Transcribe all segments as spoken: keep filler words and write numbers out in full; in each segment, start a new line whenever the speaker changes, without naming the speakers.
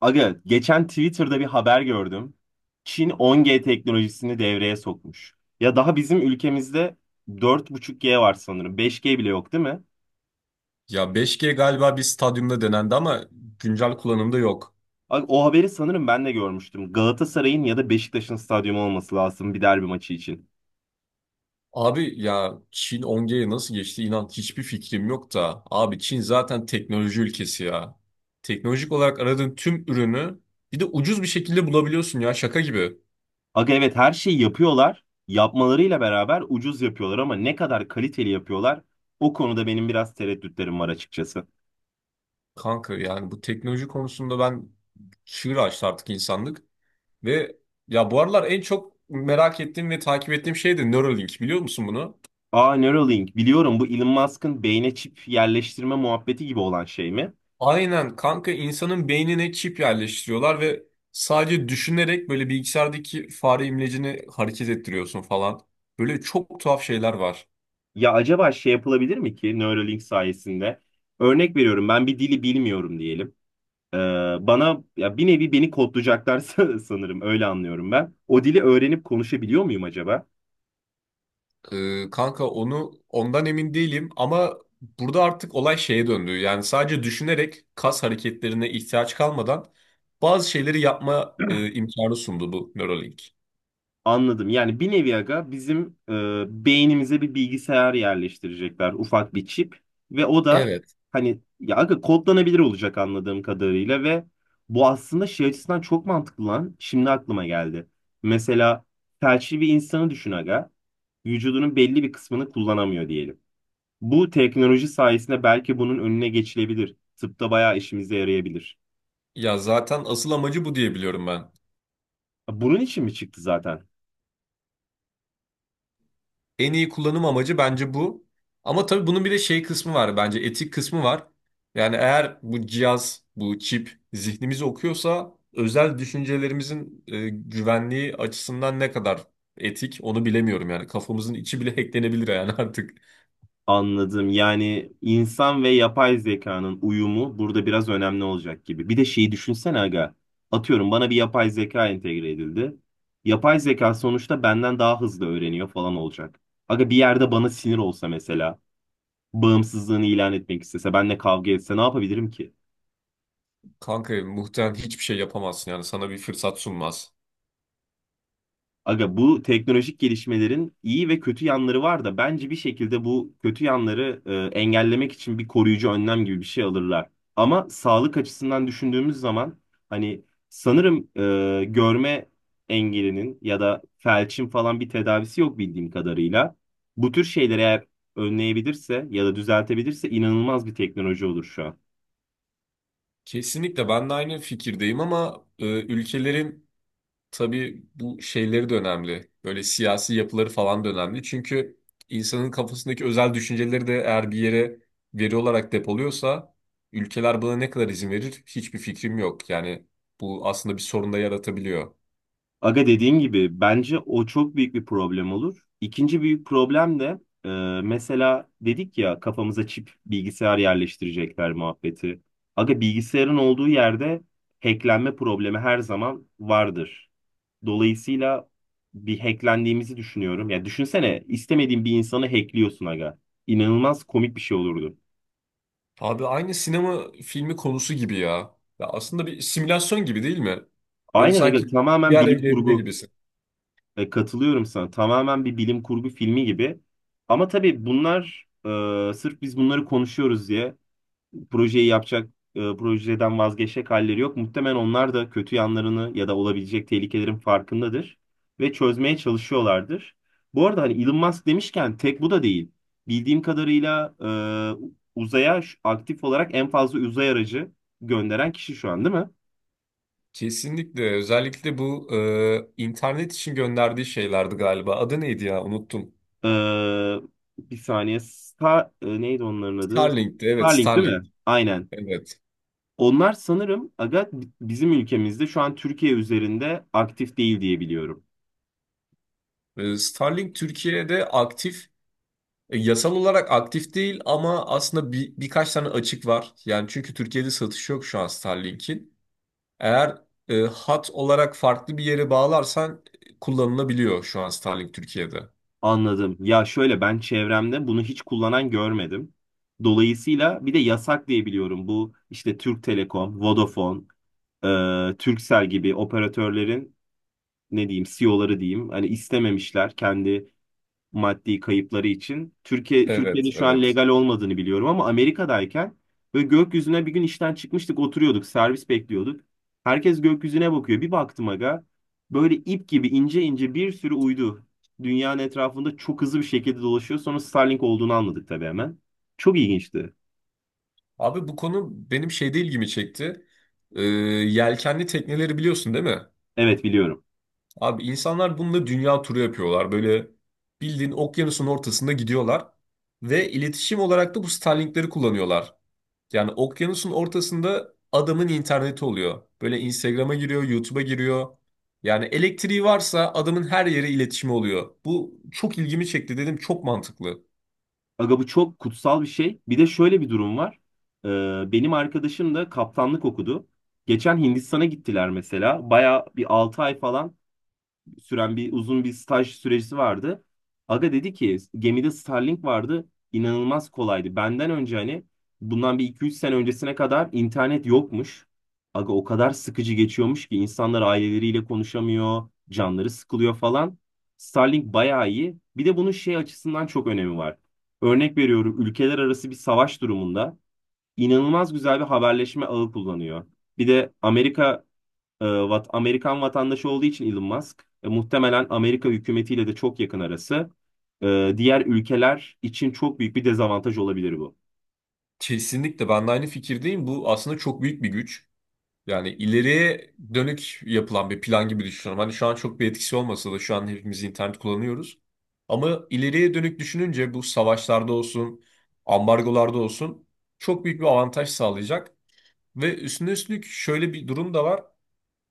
Aga, geçen Twitter'da bir haber gördüm. Çin on G teknolojisini devreye sokmuş. Ya daha bizim ülkemizde dört buçuk G var sanırım. beş G bile yok değil mi?
Ya beş g galiba bir stadyumda denendi ama güncel kullanımda yok.
Aga, o haberi sanırım ben de görmüştüm. Galatasaray'ın ya da Beşiktaş'ın stadyumu olması lazım bir derbi maçı için.
Abi ya Çin on gye nasıl geçti, inan hiçbir fikrim yok da. Abi Çin zaten teknoloji ülkesi ya. Teknolojik olarak aradığın tüm ürünü bir de ucuz bir şekilde bulabiliyorsun, ya şaka gibi.
Aga evet her şeyi yapıyorlar. Yapmalarıyla beraber ucuz yapıyorlar ama ne kadar kaliteli yapıyorlar o konuda benim biraz tereddütlerim var açıkçası.
Kanka yani bu teknoloji konusunda ben, çığır açtı artık insanlık. Ve ya bu aralar en çok merak ettiğim ve takip ettiğim şey de Neuralink, biliyor musun bunu?
Aa Neuralink biliyorum, bu Elon Musk'ın beyne çip yerleştirme muhabbeti gibi olan şey mi?
Aynen kanka, insanın beynine çip yerleştiriyorlar ve sadece düşünerek böyle bilgisayardaki fare imlecini hareket ettiriyorsun falan. Böyle çok tuhaf şeyler var.
Ya acaba şey yapılabilir mi ki Neuralink sayesinde? Örnek veriyorum, ben bir dili bilmiyorum diyelim. Ee, bana ya bir nevi beni kodlayacaklar san- sanırım öyle anlıyorum ben. O dili öğrenip konuşabiliyor muyum acaba?
Ee, kanka onu ondan emin değilim ama burada artık olay şeye döndü. Yani sadece düşünerek, kas hareketlerine ihtiyaç kalmadan bazı şeyleri yapma e, imkanı sundu bu Neuralink.
Anladım. Yani bir nevi aga bizim e, beynimize bir bilgisayar yerleştirecekler. Ufak bir çip. Ve o da
Evet.
hani ya aga kodlanabilir olacak anladığım kadarıyla ve bu aslında şey açısından çok mantıklı lan. Şimdi aklıma geldi. Mesela felçli bir insanı düşün aga. Vücudunun belli bir kısmını kullanamıyor diyelim. Bu teknoloji sayesinde belki bunun önüne geçilebilir. Tıpta bayağı işimize yarayabilir.
Ya zaten asıl amacı bu diye biliyorum ben.
Bunun için mi çıktı zaten?
En iyi kullanım amacı bence bu. Ama tabii bunun bir de şey kısmı var, bence etik kısmı var. Yani eğer bu cihaz, bu çip zihnimizi okuyorsa, özel düşüncelerimizin e, güvenliği açısından ne kadar etik onu bilemiyorum yani. Kafamızın içi bile hacklenebilir yani artık.
Anladım. Yani insan ve yapay zekanın uyumu burada biraz önemli olacak gibi. Bir de şeyi düşünsene aga. Atıyorum, bana bir yapay zeka entegre edildi. Yapay zeka sonuçta benden daha hızlı öğreniyor falan olacak. Aga bir yerde bana sinir olsa mesela, bağımsızlığını ilan etmek istese, benimle kavga etse ne yapabilirim ki?
Kanka muhtemelen hiçbir şey yapamazsın, yani sana bir fırsat sunmaz.
Aga bu teknolojik gelişmelerin iyi ve kötü yanları var da bence bir şekilde bu kötü yanları e, engellemek için bir koruyucu önlem gibi bir şey alırlar. Ama sağlık açısından düşündüğümüz zaman hani sanırım e, görme engelinin ya da felçin falan bir tedavisi yok bildiğim kadarıyla. Bu tür şeyleri eğer önleyebilirse ya da düzeltebilirse inanılmaz bir teknoloji olur şu an.
Kesinlikle ben de aynı fikirdeyim ama e, ülkelerin. Tabii bu şeyleri de önemli. Böyle siyasi yapıları falan da önemli. Çünkü insanın kafasındaki özel düşünceleri de eğer bir yere veri olarak depoluyorsa, ülkeler buna ne kadar izin verir hiçbir fikrim yok. Yani bu aslında bir sorun da yaratabiliyor.
Aga dediğin gibi bence o çok büyük bir problem olur. İkinci büyük problem de e, mesela dedik ya kafamıza çip bilgisayar yerleştirecekler muhabbeti. Aga bilgisayarın olduğu yerde hacklenme problemi her zaman vardır. Dolayısıyla bir hacklendiğimizi düşünüyorum. Ya düşünsene, istemediğin bir insanı hackliyorsun aga. İnanılmaz komik bir şey olurdu.
Abi aynı sinema filmi konusu gibi ya. Ya aslında bir simülasyon gibi, değil mi? Böyle
Aynen aga,
sanki
tamamen
diğer
bilim
evlerinde
kurgu.
gibisin.
E, katılıyorum sana. Tamamen bir bilim kurgu filmi gibi. Ama tabii bunlar e, sırf biz bunları konuşuyoruz diye projeyi yapacak, e, projeden vazgeçecek halleri yok. Muhtemelen onlar da kötü yanlarını ya da olabilecek tehlikelerin farkındadır ve çözmeye çalışıyorlardır. Bu arada hani Elon Musk demişken tek bu da değil. Bildiğim kadarıyla e, uzaya şu- aktif olarak en fazla uzay aracı gönderen kişi şu an, değil mi?
Kesinlikle. Özellikle bu e, internet için gönderdiği şeylerdi galiba. Adı neydi ya? Unuttum.
Ee, bir saniye. Star, e, neydi onların adı?
Starlink'ti. Evet,
Starlink değil
Starlink.
mi? Aynen.
Evet.
Onlar sanırım aga bizim ülkemizde şu an Türkiye üzerinde aktif değil diye biliyorum.
Ee, Starlink Türkiye'de aktif, e, yasal olarak aktif değil ama aslında bir, birkaç tane açık var. Yani çünkü Türkiye'de satış yok şu an Starlink'in. Eğer e, hat olarak farklı bir yere bağlarsan e, kullanılabiliyor şu an Starlink Türkiye'de.
Anladım. Ya şöyle, ben çevremde bunu hiç kullanan görmedim. Dolayısıyla bir de yasak diye biliyorum. Bu işte Türk Telekom, Vodafone, e, Turkcell gibi operatörlerin ne diyeyim C E O'ları diyeyim. Hani istememişler kendi maddi kayıpları için. Türkiye Türkiye'de
Evet,
şu an
evet.
legal olmadığını biliyorum ama Amerika'dayken böyle gökyüzüne bir gün işten çıkmıştık, oturuyorduk, servis bekliyorduk. Herkes gökyüzüne bakıyor. Bir baktım aga, böyle ip gibi ince ince bir sürü uydu dünyanın etrafında çok hızlı bir şekilde dolaşıyor. Sonra Starlink olduğunu anladık tabii hemen. Çok ilginçti.
Abi bu konu benim şeyde ilgimi çekti. Ee, yelkenli tekneleri biliyorsun, değil mi?
Evet, biliyorum.
Abi insanlar bununla dünya turu yapıyorlar. Böyle bildiğin okyanusun ortasında gidiyorlar. Ve iletişim olarak da bu Starlink'leri kullanıyorlar. Yani okyanusun ortasında adamın interneti oluyor. Böyle Instagram'a giriyor, YouTube'a giriyor. Yani elektriği varsa adamın her yere iletişimi oluyor. Bu çok ilgimi çekti dedim, çok mantıklı.
Aga bu çok kutsal bir şey. Bir de şöyle bir durum var. Ee, benim arkadaşım da kaptanlık okudu. Geçen Hindistan'a gittiler mesela. Baya bir altı ay falan süren bir uzun bir staj süresi vardı. Aga dedi ki gemide Starlink vardı. İnanılmaz kolaydı. Benden önce hani bundan bir iki üç sene öncesine kadar internet yokmuş. Aga o kadar sıkıcı geçiyormuş ki insanlar aileleriyle konuşamıyor, canları sıkılıyor falan. Starlink bayağı iyi. Bir de bunun şey açısından çok önemi var. Örnek veriyorum, ülkeler arası bir savaş durumunda inanılmaz güzel bir haberleşme ağı kullanıyor. Bir de Amerika e, vat, Amerikan vatandaşı olduğu için Elon Musk e, muhtemelen Amerika hükümetiyle de çok yakın arası. E, diğer ülkeler için çok büyük bir dezavantaj olabilir bu.
Kesinlikle ben de aynı fikirdeyim. Bu aslında çok büyük bir güç. Yani ileriye dönük yapılan bir plan gibi düşünüyorum. Hani şu an çok bir etkisi olmasa da şu an hepimiz internet kullanıyoruz. Ama ileriye dönük düşününce, bu savaşlarda olsun, ambargolarda olsun, çok büyük bir avantaj sağlayacak. Ve üstüne üstlük şöyle bir durum da var.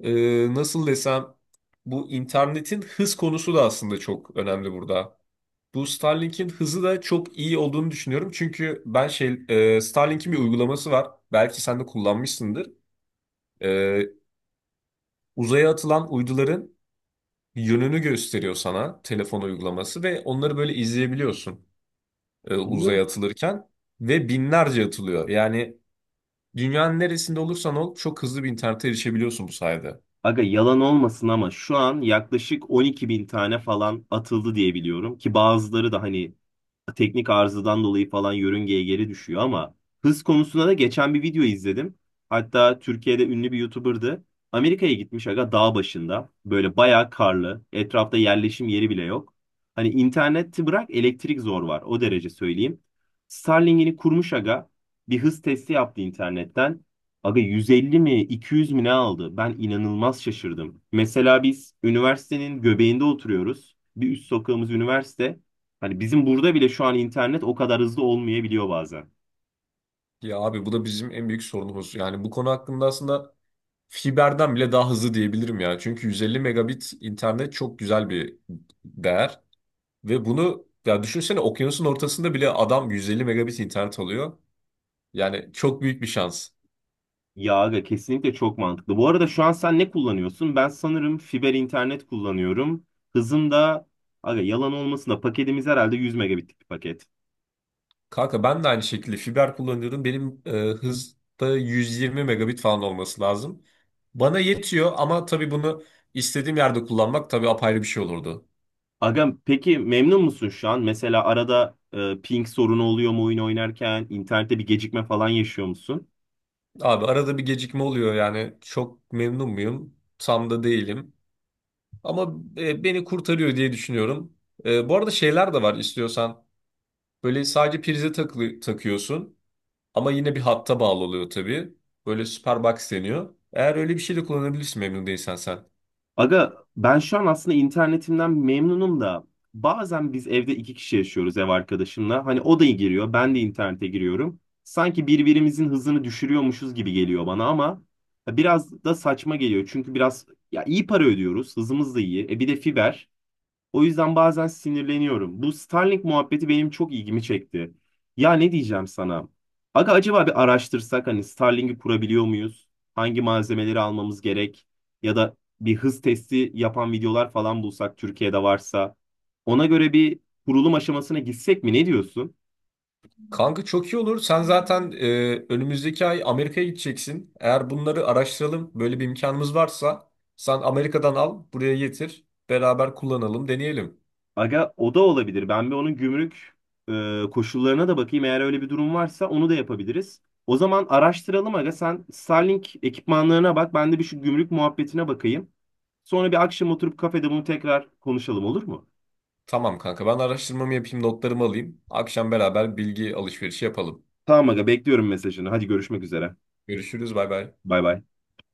Ee, nasıl desem, bu internetin hız konusu da aslında çok önemli burada. Bu Starlink'in hızı da çok iyi olduğunu düşünüyorum. Çünkü ben şey, e, Starlink'in bir uygulaması var. Belki sen de kullanmışsındır. Ee, Uzaya atılan uyduların yönünü gösteriyor sana telefon uygulaması ve onları böyle izleyebiliyorsun e,
Umarım.
uzaya atılırken, ve binlerce atılıyor. Yani dünyanın neresinde olursan ol, çok hızlı bir internete erişebiliyorsun bu sayede.
Aga yalan olmasın ama şu an yaklaşık on iki bin tane falan atıldı diye biliyorum ki bazıları da hani teknik arızadan dolayı falan yörüngeye geri düşüyor ama hız konusunda da geçen bir video izledim. Hatta Türkiye'de ünlü bir YouTuber'dı. Amerika'ya gitmiş aga, dağ başında. Böyle bayağı karlı. Etrafta yerleşim yeri bile yok. Hani interneti bırak, elektrik zor var. O derece söyleyeyim. Starlink'ini kurmuş aga. Bir hız testi yaptı internetten. Aga yüz elli mi iki yüz mi ne aldı? Ben inanılmaz şaşırdım. Mesela biz üniversitenin göbeğinde oturuyoruz. Bir üst sokağımız üniversite. Hani bizim burada bile şu an internet o kadar hızlı olmayabiliyor bazen.
Ya abi bu da bizim en büyük sorunumuz. Yani bu konu hakkında aslında fiberden bile daha hızlı diyebilirim ya. Çünkü yüz elli megabit internet çok güzel bir değer, ve bunu ya düşünsene, okyanusun ortasında bile adam yüz elli megabit internet alıyor. Yani çok büyük bir şans.
Ya aga kesinlikle çok mantıklı. Bu arada şu an sen ne kullanıyorsun? Ben sanırım fiber internet kullanıyorum. Hızım da aga yalan olmasın da paketimiz herhalde yüz megabitlik bir paket.
Kanka ben de aynı şekilde fiber kullanıyorum. Benim e, hızda yüz yirmi megabit falan olması lazım. Bana yetiyor, ama tabii bunu istediğim yerde kullanmak tabii apayrı bir şey olurdu.
Aga peki memnun musun şu an? Mesela arada e, ping sorunu oluyor mu oyun oynarken? İnternette bir gecikme falan yaşıyor musun?
Abi arada bir gecikme oluyor, yani çok memnun muyum? Tam da değilim. Ama e, beni kurtarıyor diye düşünüyorum. E, bu arada şeyler de var istiyorsan. Böyle sadece prize takılı, takıyorsun ama yine bir hatta bağlı oluyor tabii. Böyle Superbox deniyor. Eğer öyle bir şey de kullanabilirsin memnun değilsen sen.
Aga ben şu an aslında internetimden memnunum da bazen biz evde iki kişi yaşıyoruz ev arkadaşımla. Hani o da giriyor, ben de internete giriyorum. Sanki birbirimizin hızını düşürüyormuşuz gibi geliyor bana ama biraz da saçma geliyor. Çünkü biraz ya, iyi para ödüyoruz, hızımız da iyi. E bir de fiber. O yüzden bazen sinirleniyorum. Bu Starlink muhabbeti benim çok ilgimi çekti. Ya ne diyeceğim sana? Aga acaba bir araştırsak hani Starlink'i kurabiliyor muyuz? Hangi malzemeleri almamız gerek? Ya da bir hız testi yapan videolar falan bulsak Türkiye'de varsa. Ona göre bir kurulum aşamasına gitsek mi? Ne diyorsun?
Kanka çok iyi olur. Sen zaten e, önümüzdeki ay Amerika'ya gideceksin. Eğer bunları araştıralım, böyle bir imkanımız varsa sen Amerika'dan al, buraya getir. Beraber kullanalım, deneyelim.
Aga o da olabilir. Ben bir onun gümrük e, koşullarına da bakayım. Eğer öyle bir durum varsa onu da yapabiliriz. O zaman araştıralım aga. Sen Starlink ekipmanlarına bak. Ben de bir şu gümrük muhabbetine bakayım. Sonra bir akşam oturup kafede bunu tekrar konuşalım, olur mu?
Tamam kanka, ben araştırmamı yapayım, notlarımı alayım. Akşam beraber bilgi alışverişi yapalım.
Tamam aga, bekliyorum mesajını. Hadi görüşmek üzere.
Görüşürüz, bay bay.
Bay bay.